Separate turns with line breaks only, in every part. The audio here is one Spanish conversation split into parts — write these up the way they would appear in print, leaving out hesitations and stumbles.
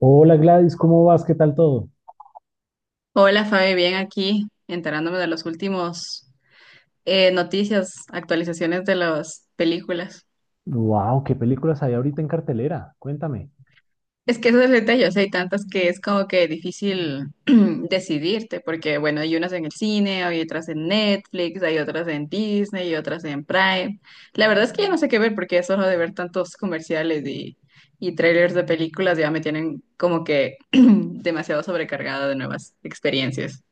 Hola Gladys, ¿cómo vas? ¿Qué tal todo?
Hola Fabi, bien aquí, enterándome de los últimos noticias, actualizaciones de las películas.
Wow, ¿qué películas hay ahorita en cartelera? Cuéntame.
Es que eso es el detalles, hay tantas que es como que difícil decidirte, porque bueno, hay unas en el cine, hay otras en Netflix, hay otras en Disney y otras en Prime. La verdad es que ya no sé qué ver porque eso de ver tantos comerciales y trailers de películas ya me tienen como que demasiado sobrecargada de nuevas experiencias.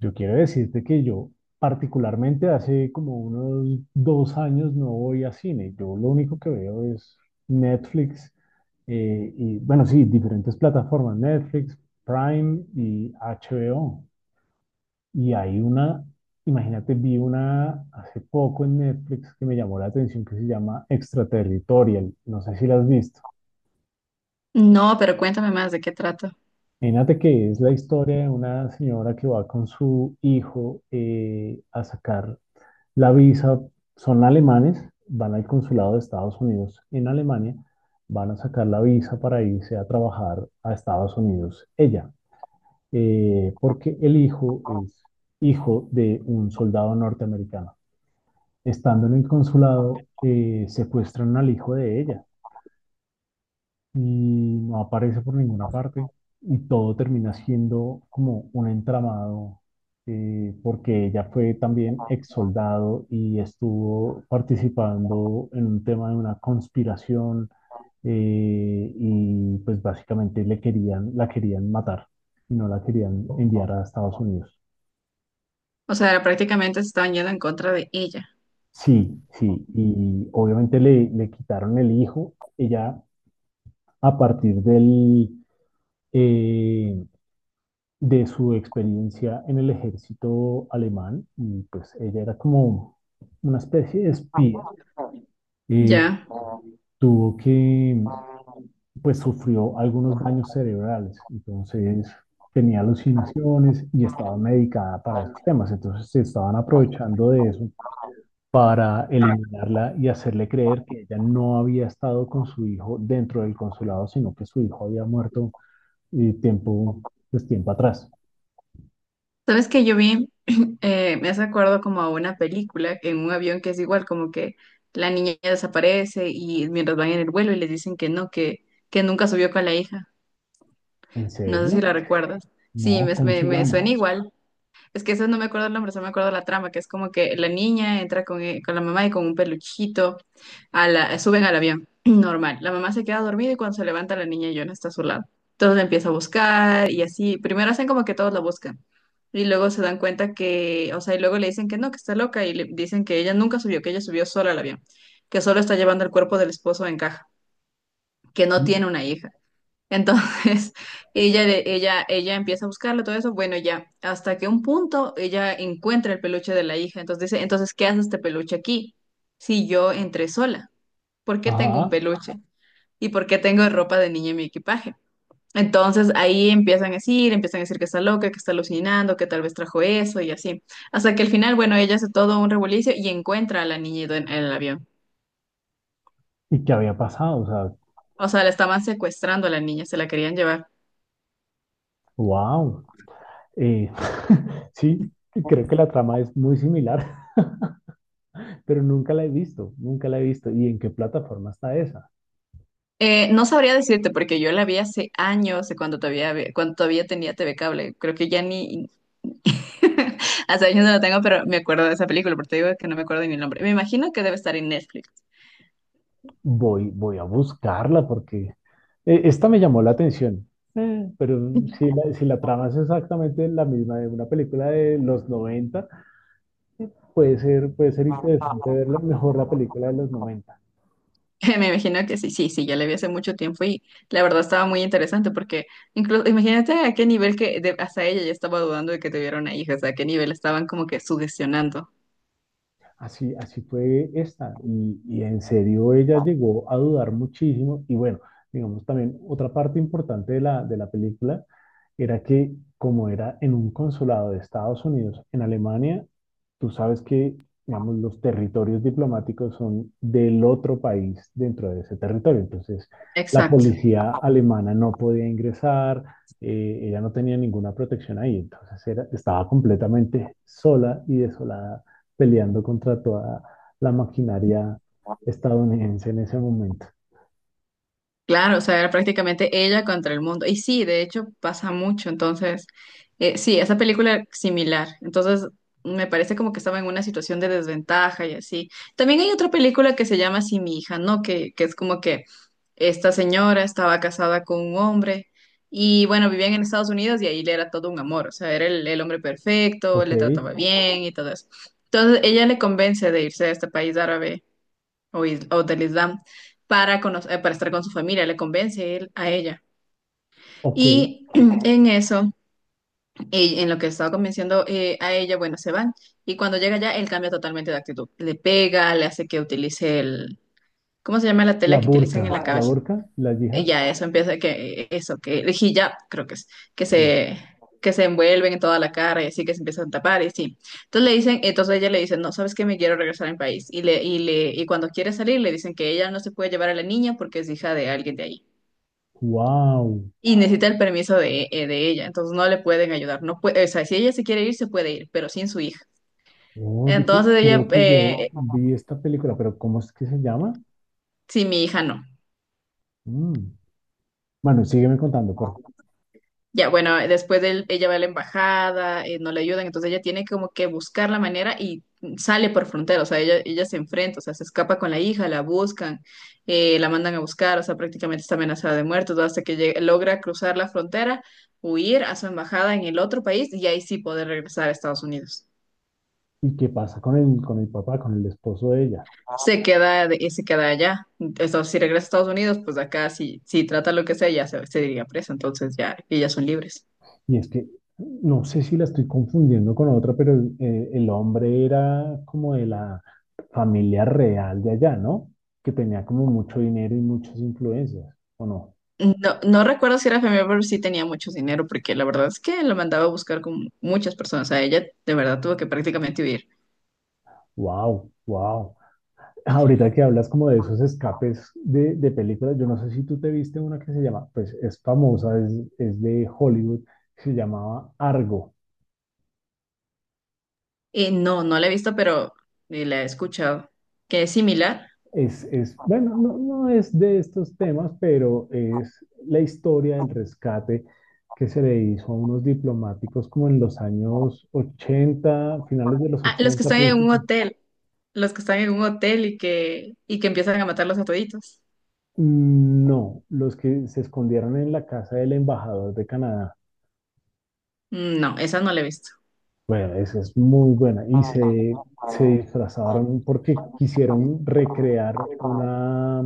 Yo quiero decirte que yo particularmente hace como unos dos años no voy a cine. Yo lo único que veo es Netflix y bueno, sí, diferentes plataformas, Netflix, Prime y HBO. Y hay una, imagínate, vi una hace poco en Netflix que me llamó la atención que se llama Extraterritorial. No sé si la has visto.
No, pero cuéntame más de qué trata.
Imagínate que es la historia de una señora que va con su hijo a sacar la visa. Son alemanes, van al consulado de Estados Unidos en Alemania, van a sacar la visa para irse a trabajar a Estados Unidos ella, porque el hijo es hijo de un soldado norteamericano. Estando en el consulado, secuestran al hijo de ella y no aparece por ninguna parte y todo termina siendo como un entramado porque ella fue también ex soldado y estuvo participando en un tema de una conspiración y pues básicamente le querían, la querían matar y no la querían enviar a Estados Unidos.
O sea, prácticamente se estaban yendo en contra de ella.
Sí, sí, y obviamente le, le quitaron el hijo. Ella a partir del, eh, de su experiencia en el ejército alemán y pues ella era como una especie de espía. Eh,
Ya.
tuvo que, pues sufrió algunos daños cerebrales, entonces tenía alucinaciones y estaba medicada para esos temas, entonces se estaban aprovechando de eso para eliminarla y hacerle creer que ella no había estado con su hijo dentro del consulado, sino que su hijo había muerto eh, tiempo, pues tiempo atrás.
¿Sabes que yo vi, me hace acuerdo como a una película en un avión que es igual, como que la niña desaparece y mientras van en el vuelo y les dicen que no, que nunca subió con la hija?
¿En
No sé si
serio?
la recuerdas. Sí,
No, ¿cómo se
me
llama?
suena igual. Es que eso no me acuerdo el nombre, solo me acuerdo la trama, que es como que la niña entra con la mamá y con un peluchito, a la, suben al avión, normal. La mamá se queda dormida y cuando se levanta la niña ya no está a su lado. Entonces la empieza a buscar y así. Primero hacen como que todos la buscan y luego se dan cuenta que, o sea, y luego le dicen que no, que está loca y le dicen que ella nunca subió, que ella subió sola al avión, que solo está llevando el cuerpo del esposo en caja, que no tiene una hija. Entonces, ella empieza a buscarlo, todo eso, bueno, ya, hasta que un punto ella encuentra el peluche de la hija. Entonces dice, entonces, ¿qué hace este peluche aquí? Si yo entré sola, ¿por qué tengo un
Ajá.
peluche? ¿Y por qué tengo ropa de niña en mi equipaje? Entonces ahí empiezan a decir que está loca, que está alucinando, que tal vez trajo eso y así. Hasta que al final, bueno, ella hace todo un revolucio y encuentra a la niña en el avión.
¿Y qué había pasado? O sea,
O sea, la estaban secuestrando a la niña, se la querían llevar.
wow. Sí, creo que la trama es muy similar, pero nunca la he visto, nunca la he visto. ¿Y en qué plataforma está esa?
No sabría decirte porque yo la vi hace años, cuando todavía tenía TV Cable. Creo que ya ni hace años no la tengo, pero me acuerdo de esa película, porque te digo que no me acuerdo ni el nombre. Me imagino que debe estar en Netflix.
Voy, voy a buscarla porque esta me llamó la atención. Mm. Pero si la, si la trama es exactamente la misma de una película de los 90, puede ser interesante ver la- mejor la película de los 90.
Me imagino que sí, sí, sí, ya la vi hace mucho tiempo y la verdad estaba muy interesante porque incluso imagínate a qué nivel hasta ella ya estaba dudando de que tuviera una hija, o sea, a qué nivel estaban como que sugestionando.
Así, así fue esta. Y en serio ella llegó a dudar muchísimo. Y bueno, digamos también otra parte importante de la película era que como era en un consulado de Estados Unidos en Alemania, tú sabes que, digamos, los territorios diplomáticos son del otro país dentro de ese territorio. Entonces, la policía alemana no podía ingresar, ella no tenía ninguna protección ahí. Entonces, era- estaba completamente sola y desolada peleando contra toda la maquinaria estadounidense en ese momento.
Claro, o sea, era prácticamente ella contra el mundo. Y sí, de hecho pasa mucho. Entonces, sí, esa película era similar. Entonces, me parece como que estaba en una situación de desventaja y así. También hay otra película que se llama Así mi hija, ¿no? Que es como que esta señora estaba casada con un hombre y bueno, vivían en Estados Unidos y ahí le era todo un amor. O sea, era el hombre perfecto,
Ok,
le trataba bien y todo eso. Entonces, ella le convence de irse a este país árabe o del Islam para, conocer, para estar con su familia, le convence él a ella.
ok.
Y en eso, en lo que estaba convenciendo a ella, bueno, se van. Y cuando llega allá él cambia totalmente de actitud. Le pega, le hace que utilice el, ¿cómo se llama la
La
tela que utilizan
burka,
en la
la
cabeza?
burka, la yihad.
Ya eso empieza que eso, que el hijab, creo que es, que
eh,
se, que se envuelven en toda la cara y así que se empiezan a tapar y sí. Entonces le dicen, entonces ella le dice, no, sabes que me quiero regresar a mi país. Y cuando quiere salir le dicen que ella no se puede llevar a la niña porque es hija de alguien de ahí.
Wow.
Y necesita el permiso de ella, entonces no le pueden ayudar. No puede, o sea, si ella se quiere ir, se puede ir, pero sin su hija.
Oh, yo que-
Entonces ella,
creo que yo vi esta película, pero ¿cómo es que se llama?
sí, mi hija no.
Mm. Bueno, sígueme contando, por favor.
Ya, bueno, después de él, ella va a la embajada, no le ayudan, entonces ella tiene como que buscar la manera y sale por frontera, o sea, ella se enfrenta, o sea, se escapa con la hija, la buscan, la mandan a buscar, o sea, prácticamente está amenazada de muerte, todo hasta que logra cruzar la frontera, huir a su embajada en el otro país y ahí sí poder regresar a Estados Unidos.
¿Y qué pasa con el papá, con el esposo de ella?
Se queda, se queda allá. Entonces, si regresa a Estados Unidos, pues acá si, si trata lo que sea, se diría presa, entonces ya ellas son libres.
Y es que no sé si la estoy confundiendo con otra, pero el hombre era como de la familia real de allá, ¿no? Que tenía como mucho dinero y muchas influencias, ¿o no?
No, no recuerdo si era familiar, pero sí tenía mucho dinero, porque la verdad es que lo mandaba a buscar con muchas personas. A ella de verdad tuvo que prácticamente huir.
Wow, wow. Ahorita que hablas como de esos escapes de películas, yo no sé si tú te viste una que se llama, pues es famosa, es de Hollywood, se llamaba Argo.
Y no, no la he visto, pero la he escuchado, que es similar.
Es, bueno, no, no es de estos temas, pero es la historia del rescate que se le hizo a unos diplomáticos como en los años 80, finales de los
Ah, los que
80.
están en un
Principios.
hotel, los que están en un hotel y y que empiezan a matarlos a toditos.
No, los que se escondieron en la casa del embajador de Canadá.
Mm, no, esa no la he visto.
Bueno, esa es muy buena. Y se disfrazaron porque quisieron recrear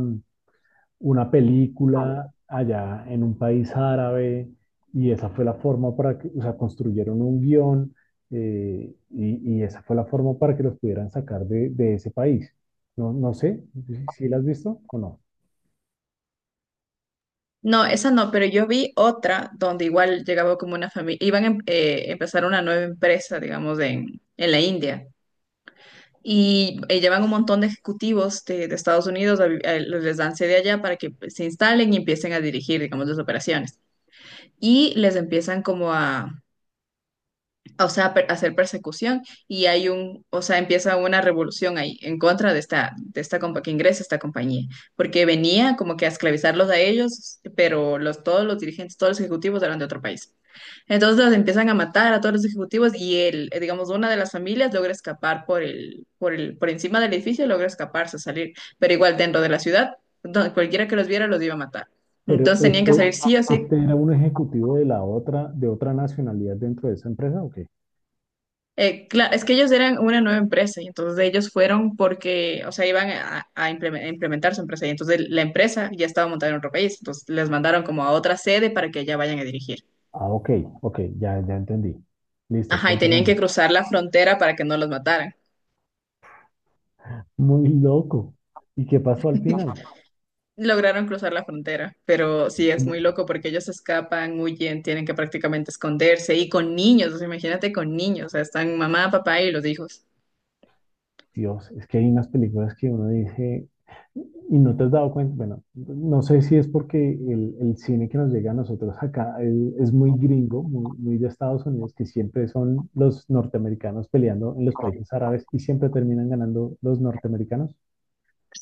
una película allá en un país árabe y esa fue la forma para que, o sea, construyeron un guión y esa fue la forma para que los pudieran sacar de ese país. No, no sé si si la has visto o no,
No, esa no, pero yo vi otra donde igual llegaba como una familia, empezar una nueva empresa, digamos, en la India. Y llevan un montón de ejecutivos de Estados Unidos, les dan sede allá para que pues, se instalen y empiecen a dirigir, digamos, las operaciones. Y les empiezan como a, o sea, hacer persecución y hay un, o sea, empieza una revolución ahí en contra de esta compa que ingresa esta compañía, porque venía como que a esclavizarlos a ellos, pero los, todos los dirigentes, todos los ejecutivos eran de otro país. Entonces los empiezan a matar a todos los ejecutivos y él, digamos, una de las familias logra escapar por encima del edificio, logra escaparse, salir, pero igual dentro de la ciudad, donde cualquiera que los viera los iba a matar.
pero
Entonces tenían que
este,
salir sí o sí.
este era un ejecutivo de la otra, de otra nacionalidad dentro de esa empresa, ¿o qué?
Claro, es que ellos eran una nueva empresa y entonces ellos fueron porque, o sea, iban a, a implementar su empresa y entonces la empresa ya estaba montada en otro país, entonces les mandaron como a otra sede para que allá vayan a dirigir.
Ah, ok, ok, ya, ya entendí. Listo,
Ajá, y
cuéntame
tenían que
más.
cruzar la frontera para que no los mataran.
Muy loco. ¿Y qué pasó al final?
Lograron cruzar la frontera, pero sí es
Como,
muy loco porque ellos escapan, huyen, tienen que prácticamente esconderse y con niños, o sea, imagínate con niños, o sea, están mamá, papá y los hijos.
Dios, es que hay unas películas que uno dice y no te has dado cuenta. Bueno, no sé si es porque el cine que nos llega a nosotros acá el- es muy gringo, muy, muy de Estados Unidos, que siempre son los norteamericanos peleando en los países árabes y siempre terminan ganando los norteamericanos.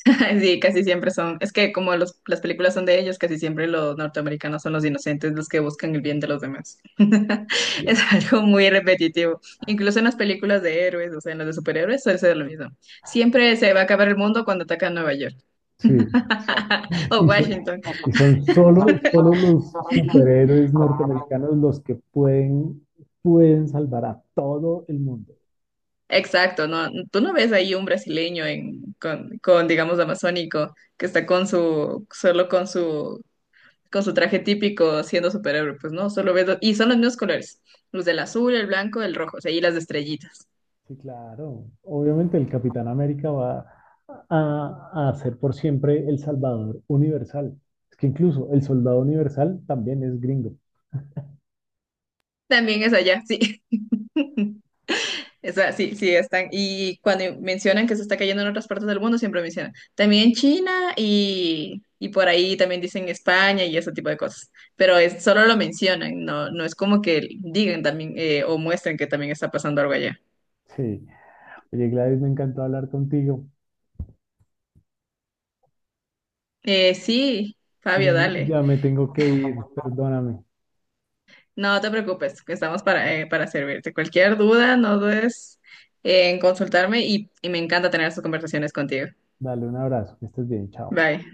Sí, casi siempre son. Es que como los, las películas son de ellos, casi siempre los norteamericanos son los inocentes, los que buscan el bien de los demás. Es algo muy repetitivo. Incluso en las películas de héroes, o sea, en las de superhéroes, suele ser lo mismo. Siempre se va a acabar el mundo cuando atacan Nueva York
Sí,
o
y son,
Washington.
y son solo, solo los superhéroes norteamericanos los que pueden, pueden salvar a todo el mundo.
Exacto, no, tú no ves ahí un brasileño en, con, digamos, amazónico, que está con su, solo con su traje típico siendo superhéroe, pues no, y son los mismos colores, los del azul, el blanco, el rojo, o sea, y las de estrellitas.
Sí, claro. Obviamente el Capitán América va a ser por siempre el salvador universal. Es que incluso el soldado universal también es gringo.
También es allá, sí. Esa, sí, sí, están. Y cuando mencionan que se está cayendo en otras partes del mundo, siempre mencionan. También en China y por ahí también dicen España y ese tipo de cosas. Pero es, solo lo mencionan, no, no es como que digan también o muestren que también está pasando algo allá.
Sí. Oye, Gladys, me encantó hablar contigo.
Sí,
Ya,
Fabio, dale.
ya me tengo que ir, perdóname.
No te preocupes, que estamos para servirte. Cualquier duda, no dudes en consultarme y me encanta tener estas conversaciones contigo.
Dale un abrazo, que estés bien, chao.
Bye.